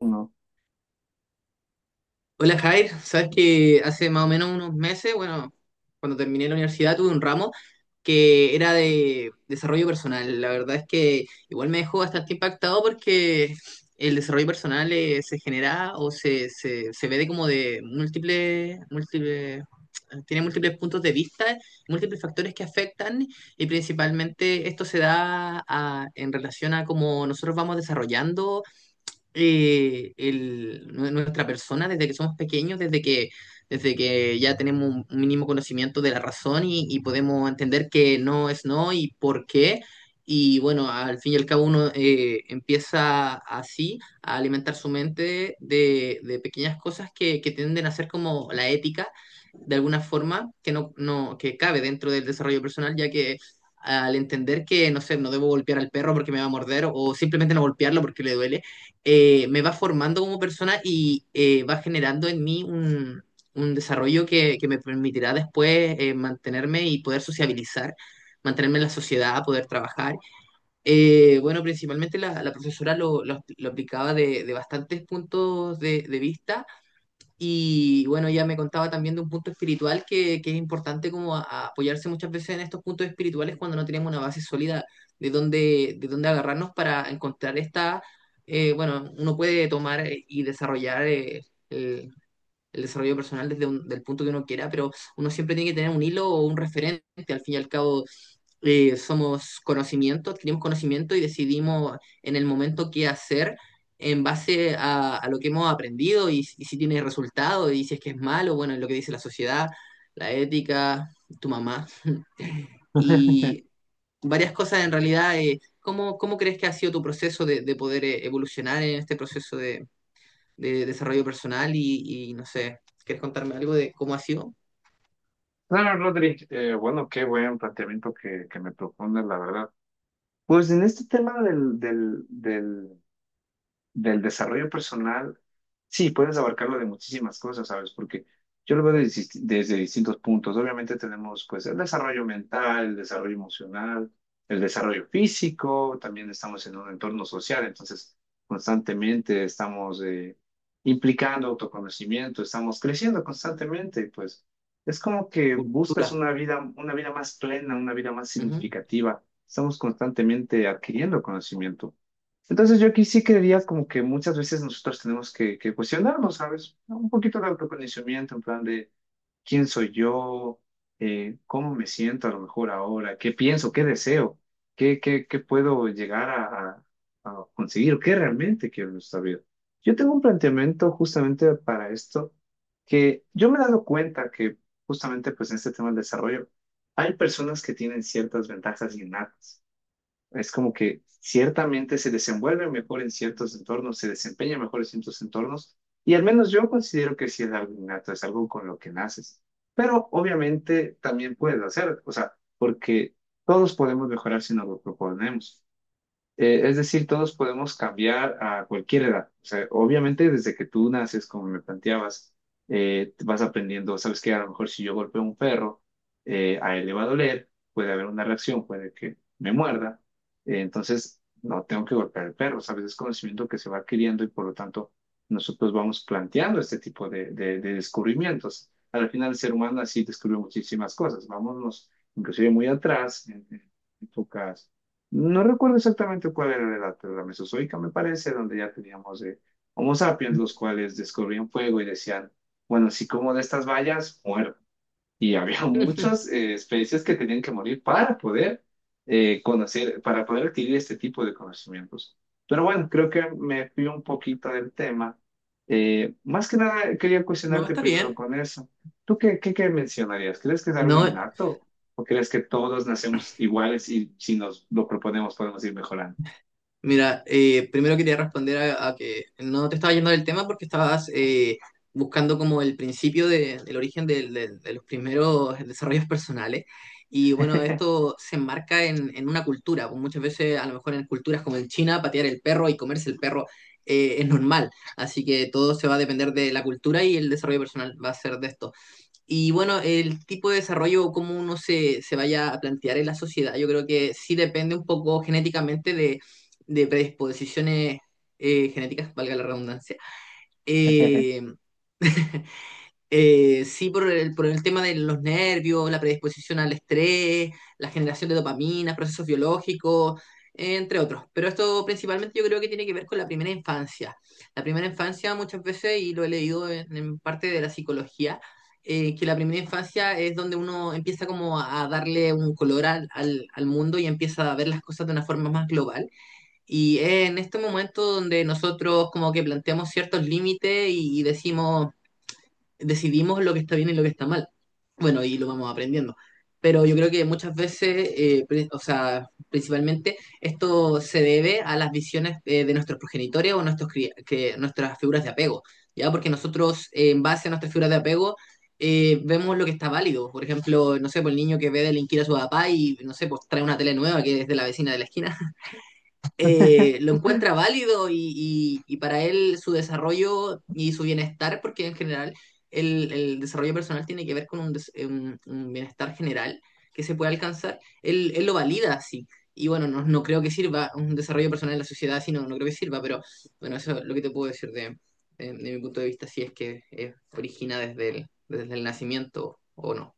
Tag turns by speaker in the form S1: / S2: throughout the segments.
S1: No.
S2: Hola Jair, sabes que hace más o menos unos meses, bueno, cuando terminé la universidad tuve un ramo que era de desarrollo personal. La verdad es que igual me dejó bastante impactado porque el desarrollo personal se genera o se ve de como de múltiples, tiene múltiples puntos de vista, múltiples factores que afectan y principalmente esto en relación a cómo nosotros vamos desarrollando nuestra persona desde que somos pequeños, desde que ya tenemos un mínimo conocimiento de la razón y podemos entender que no es no y por qué. Y bueno, al fin y al cabo uno empieza así a alimentar su mente de pequeñas cosas que tienden a ser como la ética, de alguna forma, que no, no, que cabe dentro del desarrollo personal, ya que al entender que, no sé, no debo golpear al perro porque me va a morder o simplemente no golpearlo porque le duele me va formando como persona y va generando en mí un desarrollo que me permitirá después mantenerme y poder sociabilizar, mantenerme en la sociedad, poder trabajar. Bueno, principalmente la profesora lo aplicaba de bastantes puntos de vista. Y bueno, ella me contaba también de un punto espiritual que es importante a apoyarse muchas veces en estos puntos espirituales cuando no tenemos una base sólida de dónde agarrarnos para encontrar esta. Bueno, uno puede tomar y desarrollar el, el desarrollo personal desde del punto que uno quiera, pero uno siempre tiene que tener un hilo o un referente al fin y al cabo. Somos conocimiento, adquirimos conocimiento y decidimos en el momento qué hacer en base a lo que hemos aprendido y si tiene resultado y si es que es malo, bueno, lo que dice la sociedad, la ética, tu mamá y varias cosas en realidad. ¿Cómo, cómo crees que ha sido tu proceso de poder evolucionar en este proceso de desarrollo personal y no sé, quieres contarme algo de cómo ha sido?
S1: No, Rodri, bueno, qué buen planteamiento que me propone, la verdad. Pues en este tema del desarrollo personal, sí, puedes abarcarlo de muchísimas cosas, ¿sabes? Porque yo lo veo desde distintos puntos. Obviamente tenemos, pues, el desarrollo mental, el desarrollo emocional, el desarrollo físico, también estamos en un entorno social, entonces constantemente estamos implicando autoconocimiento, estamos creciendo constantemente, y, pues es como que buscas
S2: Cultura.
S1: una vida más plena, una vida más
S2: Ujú.
S1: significativa. Estamos constantemente adquiriendo conocimiento. Entonces yo aquí sí creería como que muchas veces nosotros tenemos que cuestionarnos, ¿sabes? Un poquito de autoconocimiento en plan de quién soy yo. Cómo me siento a lo mejor ahora, qué pienso, qué deseo, qué puedo llegar a- a conseguir, o qué realmente quiero en esta vida. Yo tengo un planteamiento justamente para esto, que yo me he dado cuenta que justamente pues en este tema del desarrollo hay personas que tienen ciertas ventajas innatas. Es como que ciertamente se desenvuelve mejor en ciertos entornos, se desempeña mejor en ciertos entornos, y al menos yo considero que sí es algo innato, es algo con lo que naces. Pero obviamente también puedes hacer, o sea, porque todos podemos mejorar si nos lo proponemos. Es decir, todos podemos cambiar a cualquier edad. O sea, obviamente desde que tú naces, como me planteabas, vas aprendiendo, sabes que a lo mejor si yo golpeo a un perro, a él le va a doler, puede haber una reacción, puede que me muerda. Entonces, no tengo que golpear al perro, sabes, es conocimiento que se va adquiriendo y por lo tanto nosotros vamos planteando este tipo de descubrimientos. Al final, el ser humano así descubrió muchísimas cosas. Vámonos inclusive muy atrás, en épocas, no recuerdo exactamente cuál era la edad, pero la mesozoica me parece, donde ya teníamos Homo sapiens, los cuales descubrían fuego y decían, bueno, si como de estas vallas, muero. Y había muchas especies que tenían que morir para poder conocer, para poder adquirir este tipo de conocimientos. Pero bueno, creo que me fui un poquito del tema. Más que nada, quería
S2: No,
S1: cuestionarte
S2: está
S1: primero
S2: bien.
S1: con eso. ¿Tú qué mencionarías? ¿Crees que es algo
S2: No,
S1: innato? ¿O crees que todos nacemos iguales y si nos lo proponemos podemos ir mejorando?
S2: mira, primero quería responder a que no te estaba yendo del tema porque estabas buscando como el principio de, el origen de los primeros desarrollos personales. Y bueno, esto se enmarca en una cultura. Pues muchas veces, a lo mejor en culturas como en China, patear el perro y comerse el perro es normal. Así que todo se va a depender de la cultura y el desarrollo personal va a ser de esto. Y bueno, el tipo de desarrollo o cómo uno se vaya a plantear en la sociedad, yo creo que sí depende un poco genéticamente de predisposiciones genéticas, valga la redundancia. Eh, sí, por por el tema de los nervios, la predisposición al estrés, la generación de dopamina, procesos biológicos, entre otros. Pero esto principalmente yo creo que tiene que ver con la primera infancia. La primera infancia muchas veces, y lo he leído en parte de la psicología, que la primera infancia es donde uno empieza como a darle un color al mundo y empieza a ver las cosas de una forma más global. Y es en este momento donde nosotros como que planteamos ciertos límites y decimos decidimos lo que está bien y lo que está mal. Bueno, y lo vamos aprendiendo. Pero yo creo que muchas veces, o sea, principalmente esto se debe a las visiones de nuestros progenitores o nuestras figuras de apego, ¿ya? Porque nosotros, en base a nuestras figuras de apego, vemos lo que está válido. Por ejemplo, no sé, por el niño que ve delinquir a su papá y, no sé, pues trae una tele nueva que es de la vecina de la esquina lo encuentra válido y, y para él su desarrollo y su bienestar, porque en general el desarrollo personal tiene que ver con un bienestar general que se puede alcanzar, él lo valida así. Y bueno, no, no creo que sirva un desarrollo personal en la sociedad, sino no creo que sirva, pero bueno, eso es lo que te puedo decir de, de mi punto de vista, si es que origina desde desde el nacimiento o no.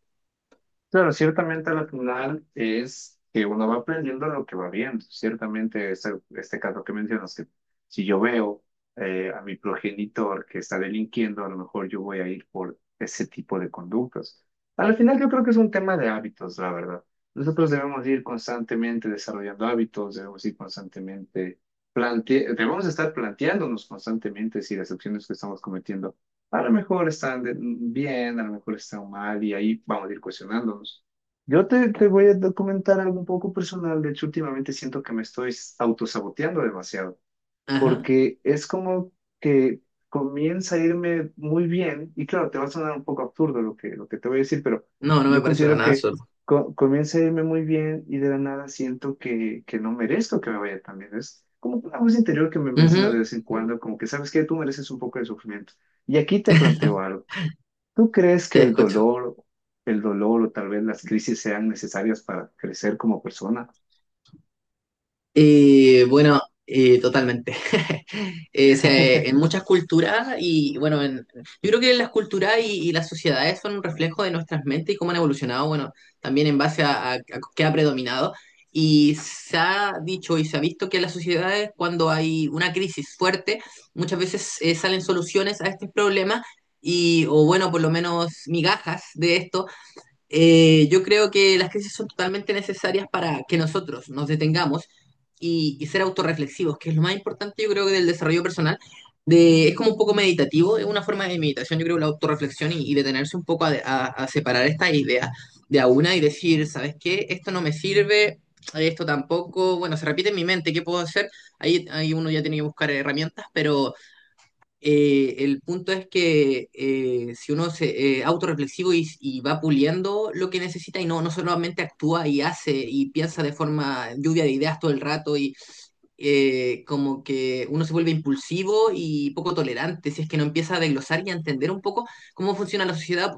S1: Claro, ciertamente la final es que uno va aprendiendo lo que va viendo. Ciertamente, este caso que mencionas, que si yo veo a mi progenitor que está delinquiendo, a lo mejor yo voy a ir por ese tipo de conductas. Al final, yo creo que es un tema de hábitos, la verdad. Nosotros debemos ir constantemente desarrollando hábitos, debemos ir constantemente plante, debemos estar planteándonos constantemente si las acciones que estamos cometiendo a lo mejor están de- bien, a lo mejor están mal y ahí vamos a ir cuestionándonos. Yo te voy a documentar algo un poco personal. De hecho, últimamente siento que me estoy autosaboteando demasiado
S2: Ajá.
S1: porque es como que comienza a irme muy bien, y claro, te va a sonar un poco absurdo lo que te voy a decir, pero
S2: No, no me
S1: yo
S2: parece para
S1: considero
S2: nada
S1: que
S2: absurdo.
S1: comienza a irme muy bien y de la nada siento que no merezco que me vaya tan bien. Es como una voz interior que me menciona de
S2: Ujú.
S1: vez en cuando, como que sabes que tú mereces un poco de sufrimiento. Y aquí te planteo algo. ¿Tú crees que
S2: Te escucho.
S1: el dolor o tal vez las crisis sean necesarias para crecer como persona?
S2: Bueno, totalmente. O sea, en muchas culturas y bueno, yo creo que las culturas y las sociedades son un reflejo de nuestras mentes y cómo han evolucionado, bueno, también en base a qué ha predominado. Y se ha dicho y se ha visto que en las sociedades cuando hay una crisis fuerte, muchas veces salen soluciones a estos problemas y, o bueno, por lo menos migajas de esto. Yo creo que las crisis son totalmente necesarias para que nosotros nos detengamos y ser autorreflexivos, que es lo más importante, yo creo que del desarrollo personal. Es como un poco meditativo, es una forma de meditación, yo creo, la autorreflexión y detenerse un poco a separar esta idea de a una y decir, ¿sabes qué? Esto no me sirve, esto tampoco, bueno, se repite en mi mente, ¿qué puedo hacer? Ahí uno ya tiene que buscar herramientas, pero el punto es que si uno se autorreflexivo y va puliendo lo que necesita y no, no solamente actúa y hace y piensa de forma lluvia de ideas todo el rato y como que uno se vuelve impulsivo y poco tolerante, si es que no empieza a desglosar y a entender un poco cómo funciona la sociedad,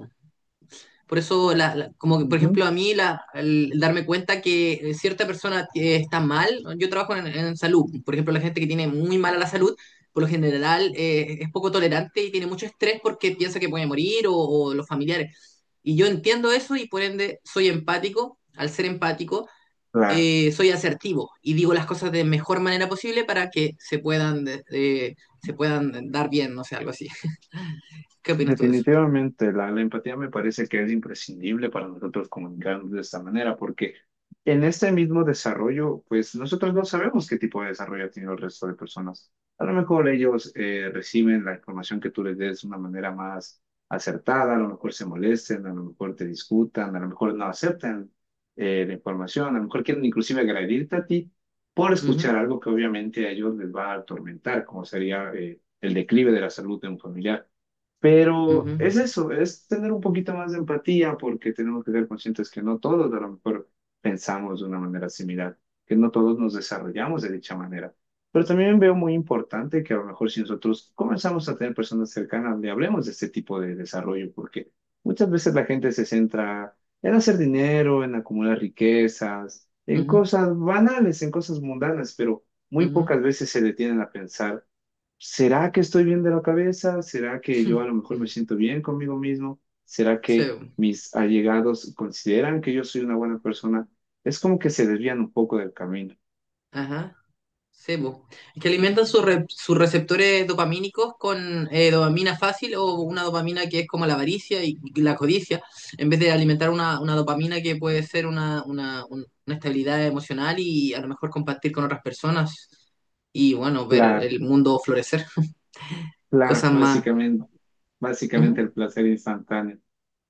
S2: por eso, como que, por
S1: Ujú.
S2: ejemplo, a mí el darme cuenta que cierta persona está mal, ¿no? Yo trabajo en salud, por ejemplo, la gente que tiene muy mala la salud, por lo general es poco tolerante y tiene mucho estrés porque piensa que puede morir o los familiares. Y yo entiendo eso y por ende soy empático, al ser empático,
S1: Claro.
S2: soy asertivo y digo las cosas de mejor manera posible para que se puedan dar bien, no sé, algo así. ¿Qué opinas tú de eso?
S1: Definitivamente, la empatía me parece que es imprescindible para nosotros comunicarnos de esta manera, porque en este mismo desarrollo, pues nosotros no sabemos qué tipo de desarrollo ha tenido el resto de personas. A lo mejor ellos reciben la información que tú les des de una manera más acertada, a lo mejor se molesten, a lo mejor te discutan, a lo mejor no aceptan la información, a lo mejor quieren inclusive agredirte a ti por escuchar
S2: Ujú,
S1: algo que obviamente a ellos les va a atormentar, como sería el declive de la salud de un familiar.
S2: ujú,
S1: Pero es eso, es tener un poquito más de empatía porque tenemos que ser conscientes que no todos a lo mejor pensamos de una manera similar, que no todos nos desarrollamos de dicha manera. Pero también veo muy importante que a lo mejor si nosotros comenzamos a tener personas cercanas, le hablemos de este tipo de desarrollo, porque muchas veces la gente se centra en hacer dinero, en acumular riquezas, en
S2: ujú,
S1: cosas banales, en cosas mundanas, pero muy
S2: ujú.
S1: pocas veces se detienen a pensar. ¿Será que estoy bien de la cabeza? ¿Será que yo a lo mejor me siento bien conmigo mismo? ¿Será
S2: Sí,
S1: que mis allegados consideran que yo soy una buena persona? Es como que se desvían un poco del camino.
S2: ajá, sí, po. Es que alimentan sus receptores dopamínicos con dopamina fácil o una dopamina que es como la avaricia y la codicia, en vez de alimentar una dopamina que puede ser una estabilidad emocional y a lo mejor compartir con otras personas y bueno, ver
S1: Claro,
S2: el mundo florecer,
S1: claro,
S2: cosas más.
S1: básicamente, básicamente
S2: Ujú.
S1: el placer instantáneo.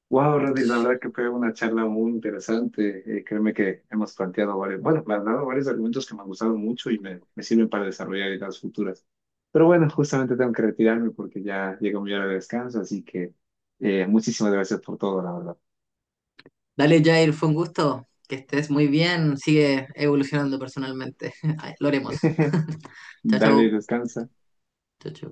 S1: Wow, Rodri, la verdad que fue una charla muy interesante. Créeme que hemos planteado varios, bueno, me has dado varios argumentos que me han gustado mucho y me sirven para desarrollar ideas futuras. Pero bueno, justamente tengo que retirarme porque ya llegó mi hora de descanso, así que muchísimas gracias por todo, la verdad.
S2: Dale, Jair, fue un gusto, que estés muy bien, sigue evolucionando personalmente. Ay, lo haremos. Chao,
S1: Dale,
S2: chao.
S1: descansa.
S2: Chao, chao.